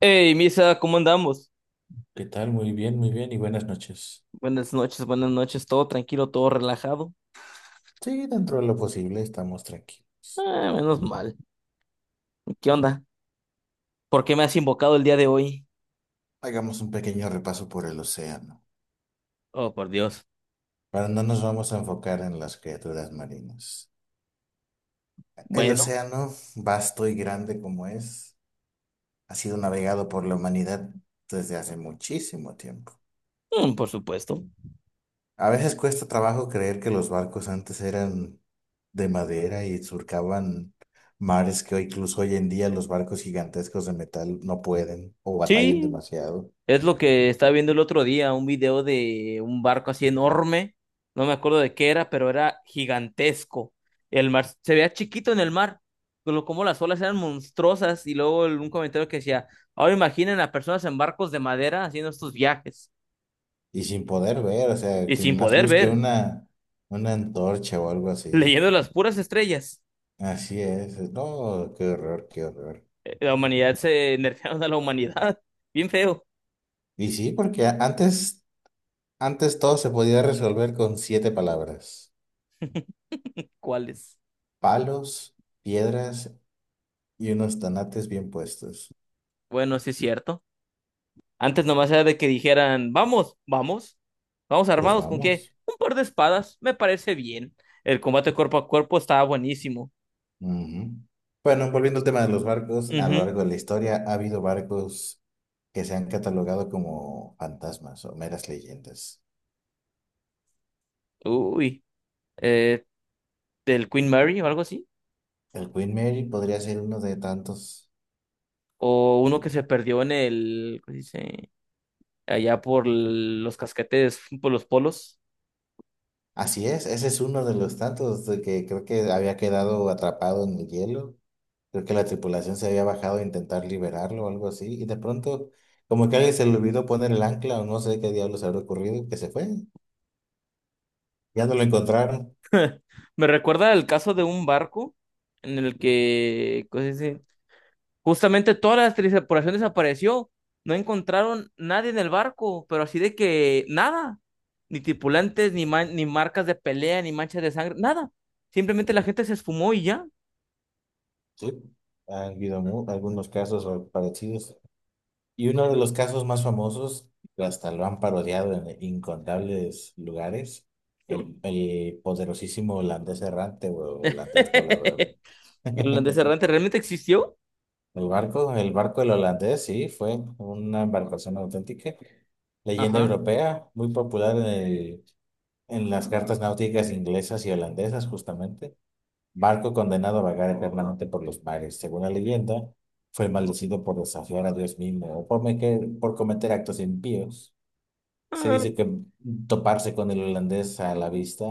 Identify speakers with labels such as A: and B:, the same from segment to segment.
A: Hey, Misa, ¿cómo andamos?
B: ¿Qué tal? Muy bien y buenas noches.
A: Buenas noches, todo tranquilo, todo relajado.
B: Sí, dentro de lo posible estamos tranquilos.
A: Ah, menos mal. ¿Qué onda? ¿Por qué me has invocado el día de hoy?
B: Hagamos un pequeño repaso por el océano,
A: Oh, por Dios.
B: pero no nos vamos a enfocar en las criaturas marinas. El
A: Bueno,
B: océano, vasto y grande como es, ha sido navegado por la humanidad desde hace muchísimo tiempo.
A: por supuesto.
B: A veces cuesta trabajo creer que los barcos antes eran de madera y surcaban mares que incluso hoy en día los barcos gigantescos de metal no pueden o batallan
A: Sí,
B: demasiado.
A: es lo que estaba viendo el otro día, un video de un barco así enorme. No me acuerdo de qué era, pero era gigantesco. El mar se veía chiquito en el mar, pero como las olas eran monstruosas. Y luego un comentario que decía, ahora imaginen a personas en barcos de madera haciendo estos viajes
B: Y sin poder ver, o sea,
A: y sin
B: sin más
A: poder
B: luz que
A: ver.
B: una antorcha o algo así.
A: Leyendo las puras estrellas.
B: Así es. No, qué horror, qué horror.
A: La humanidad se nerfearon a la humanidad. Bien feo.
B: Y sí, porque antes todo se podía resolver con siete palabras.
A: ¿Cuáles?
B: Palos, piedras y unos tanates bien puestos.
A: Bueno, sí es cierto. Antes nomás era de que dijeran, vamos, vamos, vamos
B: Pues
A: armados ¿con qué?
B: vamos.
A: Un par de espadas, me parece bien. El combate cuerpo a cuerpo estaba buenísimo.
B: Ujú. Bueno, volviendo al tema de los barcos, a lo
A: Ujú.
B: largo de la historia ha habido barcos que se han catalogado como fantasmas o meras leyendas.
A: Uy. Eh, del Queen Mary o algo así.
B: El Queen Mary podría ser uno de tantos.
A: O uno que se perdió en el, ¿cómo se dice? Allá por los casquetes, por los polos.
B: Así es, ese es uno de los tantos de que creo que había quedado atrapado en el hielo. Creo que la tripulación se había bajado a intentar liberarlo o algo así. Y de pronto, como que alguien se le olvidó poner el ancla o no sé qué diablos habrá ocurrido, que se fue. Ya no lo encontraron.
A: Me recuerda el caso de un barco en el que, ¿cómo se dice? Justamente toda la tripulación desapareció. No encontraron nadie en el barco, pero así de que nada. Ni tripulantes, ni, ni marcas de pelea, ni manchas de sangre, nada. Simplemente la gente se esfumó y ya.
B: Sí. Ha habido algunos casos parecidos. Y uno de los casos más famosos, hasta lo han parodiado en incontables lugares, el poderosísimo holandés errante o holandés volador.
A: El deserrante realmente existió.
B: El barco del holandés, sí, fue una embarcación auténtica, leyenda
A: Ajá.
B: europea, muy popular en las cartas náuticas inglesas y holandesas, justamente. Barco condenado a vagar eternamente por los mares. Según la leyenda, fue maldecido por desafiar a Dios mismo o por cometer actos impíos. Se
A: Ah,
B: dice que toparse con el holandés a la vista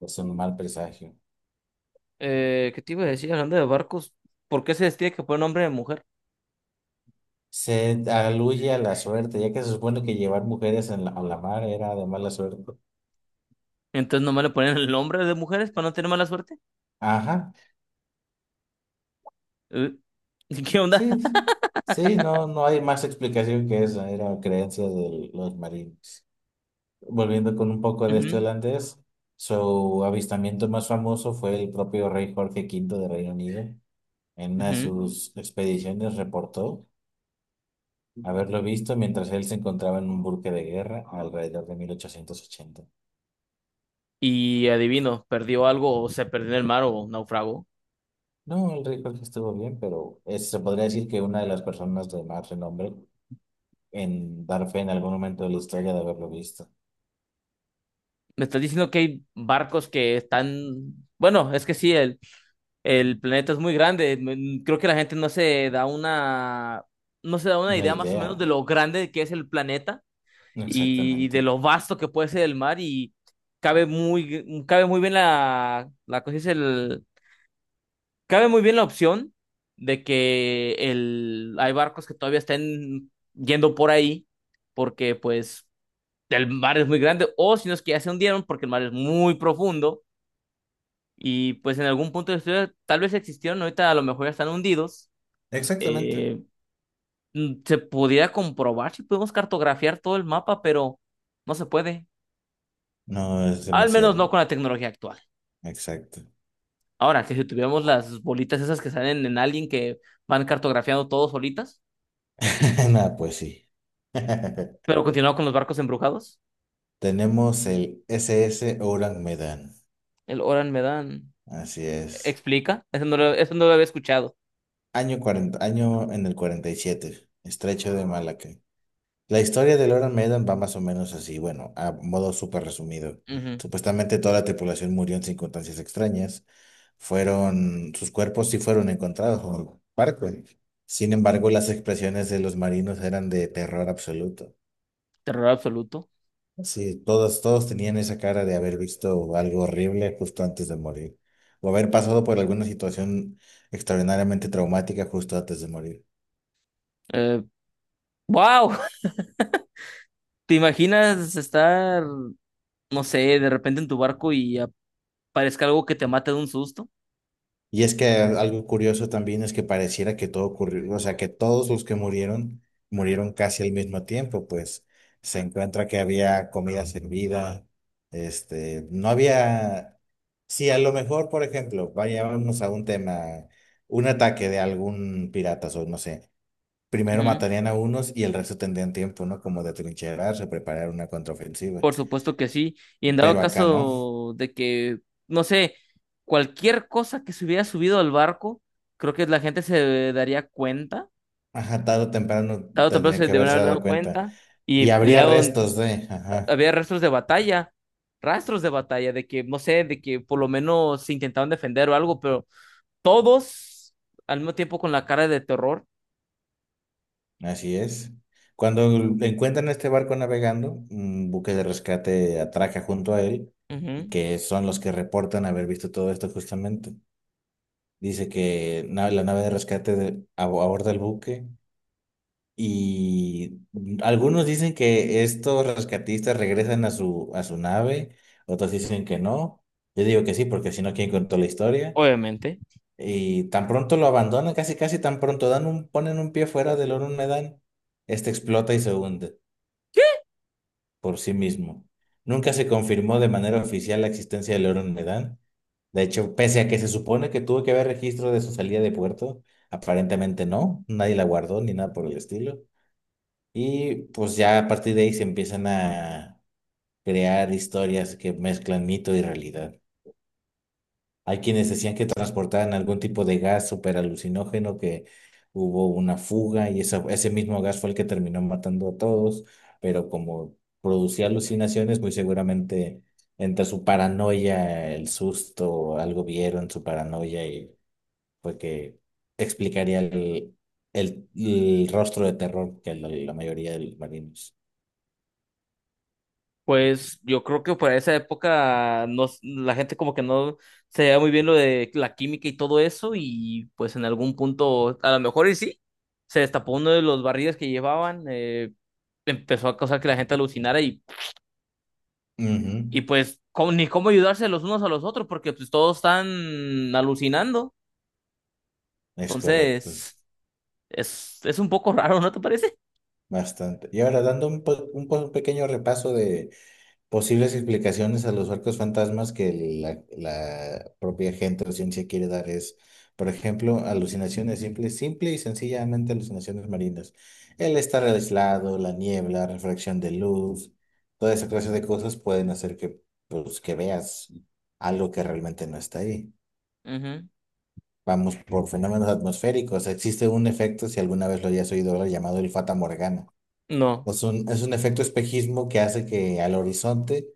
B: es un mal presagio.
A: ¿qué te iba a decir? Hablando de barcos, ¿por qué se les tiene que poner nombre de mujer?
B: Se aluye a la suerte, ya que se supone que llevar mujeres a la mar era de mala suerte.
A: Entonces nomás le ponen el nombre de mujeres para no tener mala suerte.
B: Ajá,
A: Eh, ¿Qué onda?
B: sí, sí, sí, no, no hay más explicación que esa, era creencia de los marines. Volviendo con un poco de este holandés, su avistamiento más famoso fue el propio rey Jorge V de Reino Unido. En una de
A: Ujú.
B: sus expediciones reportó haberlo visto mientras él se encontraba en un buque de guerra alrededor de 1880.
A: Y adivino, ¿perdió algo o se perdió en el mar o naufragó?
B: No, el rey Jorge estuvo bien, pero se podría decir que una de las personas de más renombre en dar fe en algún momento de la historia de haberlo visto.
A: Me estás diciendo que hay barcos que están. Bueno, es que sí, el planeta es muy grande. Creo que la gente no se da una, no se da una
B: Una
A: idea más o
B: idea.
A: menos de lo grande que es el planeta y de
B: Exactamente.
A: lo vasto que puede ser el mar y cabe muy bien la cosa. Es Cabe muy bien la opción de que hay barcos que todavía estén yendo por ahí porque pues el mar es muy grande, o si no es que ya se hundieron porque el mar es muy profundo, y pues en algún punto de la historia tal vez existieron, ahorita a lo mejor ya están hundidos.
B: Exactamente.
A: Eh, Se pudiera comprobar si podemos cartografiar todo el mapa, pero no se puede.
B: No, es
A: Al menos no
B: demasiado.
A: con la tecnología actual.
B: Exacto.
A: Ahora, que si tuviéramos las bolitas esas que salen en Alien que van cartografiando todo solitas.
B: Nada, pues sí.
A: Pero continuaba con los barcos embrujados.
B: Tenemos el SS Orang Medan.
A: El Oran Medan,
B: Así es.
A: explica. Eso no lo había escuchado.
B: Año 40, año en el 47, Estrecho de Malaca. La historia de Iron Maiden va más o menos así, bueno, a modo súper resumido.
A: Ujú.
B: Supuestamente toda la tripulación murió en circunstancias extrañas. Fueron, sus cuerpos sí fueron encontrados en el barco. Sin embargo, las expresiones de los marinos eran de terror absoluto.
A: Terror absoluto.
B: Sí, todos, todos tenían esa cara de haber visto algo horrible justo antes de morir, o haber pasado por alguna situación extraordinariamente traumática justo antes de morir.
A: Eh, ¡Wow! ¿Te imaginas estar, no sé, de repente en tu barco y aparezca algo que te mate de un susto?
B: Y es que algo curioso también es que pareciera que todo ocurrió, o sea, que todos los que murieron casi al mismo tiempo, pues se encuentra que había comida servida, este, no había, sí a lo mejor, por ejemplo, vayámonos a un tema, un ataque de algún pirata, o no sé, primero
A: Ujú.
B: matarían a unos y el resto tendrían tiempo, ¿no? Como de trincherarse, preparar una contraofensiva,
A: Por supuesto que sí. Y en dado
B: pero acá no.
A: caso de que, no sé, cualquier cosa que se hubiera subido al barco, creo que la gente se daría cuenta.
B: Ajá, tarde o temprano
A: Tarde o temprano
B: tendrían
A: se
B: que
A: deberían
B: haberse
A: haber
B: dado
A: dado
B: cuenta.
A: cuenta y
B: Y habría
A: peleado,
B: restos de, ajá,
A: había rastros de batalla, de que, no sé, de que por lo menos se intentaban defender o algo, pero todos al mismo tiempo con la cara de terror.
B: así es. Cuando encuentran este barco navegando, un buque de rescate atraca junto a él, y
A: Ujú,
B: que son los que reportan haber visto todo esto justamente. Dice que la nave de rescate aborda el buque y algunos dicen que estos rescatistas regresan a su nave, otros dicen que no. Yo digo que sí, porque si no, ¿quién contó la historia?
A: obviamente.
B: Y tan pronto lo abandonan, casi casi tan pronto dan un, ponen un pie fuera del Oro Medan, este explota y se hunde por sí mismo. Nunca se confirmó de manera oficial la existencia del Oro Medan. De hecho, pese a que se supone que tuvo que haber registro de su salida de puerto, aparentemente no, nadie la guardó ni nada por el estilo. Y pues ya a partir de ahí se empiezan a crear historias que mezclan mito y realidad. Hay quienes decían que transportaban algún tipo de gas super alucinógeno, que hubo una fuga y ese mismo gas fue el que terminó matando a todos, pero como producía alucinaciones, muy seguramente entre su paranoia, el susto, algo vieron su paranoia y fue que explicaría el rostro de terror que la mayoría de los marinos.
A: Pues yo creo que para esa época la gente como que no se veía muy bien lo de la química y todo eso, y pues en algún punto, a lo mejor y sí, se destapó uno de los barriles que llevaban, empezó a causar que la gente alucinara. y
B: Ujú.
A: Y pues ni cómo ayudarse los unos a los otros porque pues todos están alucinando.
B: Es correcto,
A: Entonces, es un poco raro, ¿no te parece?
B: bastante. Y ahora dando un pequeño repaso de posibles explicaciones a los arcos fantasmas que la propia gente o ciencia quiere dar es, por ejemplo, alucinaciones simples, simple y sencillamente alucinaciones marinas. El estar aislado, la niebla, refracción de luz, toda esa clase de cosas pueden hacer que, pues, que veas algo que realmente no está ahí.
A: Ujú.
B: Vamos por fenómenos atmosféricos. Existe un efecto, si alguna vez lo hayas oído hablar, llamado el Fata Morgana.
A: No.
B: Es un efecto espejismo que hace que al horizonte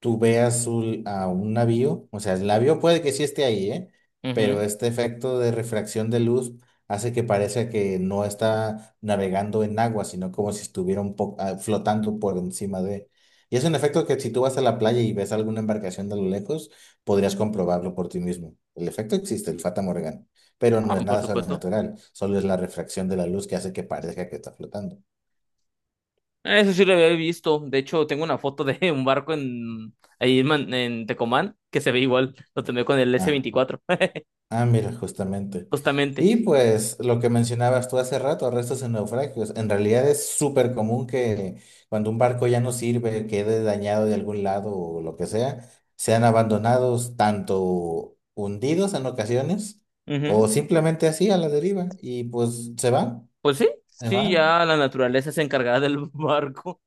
B: tú veas a un navío, o sea, el navío puede que sí esté ahí, ¿eh? Pero
A: Ujú.
B: este efecto de refracción de luz hace que parezca que no está navegando en agua, sino como si estuviera flotando por encima de... Y es un efecto que si tú vas a la playa y ves alguna embarcación de lo lejos, podrías comprobarlo por ti mismo. El efecto existe, el Fata Morgana, pero
A: Ah,
B: no es
A: por
B: nada
A: supuesto.
B: sobrenatural, solo es la refracción de la luz que hace que parezca que está flotando.
A: Eso sí lo había visto. De hecho, tengo una foto de un barco en ahí en Tecomán que se ve igual. Lo tomé con el s
B: Ah.
A: veinticuatro
B: Ah, mira, justamente.
A: Justamente.
B: Y pues lo que mencionabas tú hace rato, restos en naufragios, en realidad es súper común que cuando un barco ya no sirve, quede dañado de algún lado o lo que sea, sean abandonados, tanto hundidos en ocasiones
A: Ujú.
B: o simplemente así a la deriva y pues se van,
A: Pues sí,
B: se
A: sí,
B: van.
A: ya la naturaleza es encargada del barco.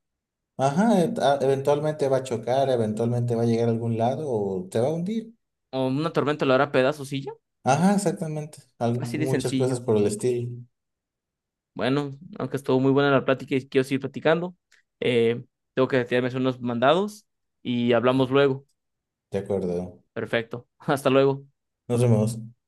B: Ajá, eventualmente va a chocar, eventualmente va a llegar a algún lado o se va a hundir.
A: O una tormenta lo hará pedazos y ya.
B: Ajá, exactamente.
A: Así de
B: Muchas
A: sencillo.
B: cosas por el estilo.
A: Bueno, aunque estuvo muy buena la plática y quiero seguir platicando, eh, tengo que retirarme a hacer unos mandados y hablamos luego.
B: De acuerdo.
A: Perfecto. Hasta luego.
B: Nos vemos.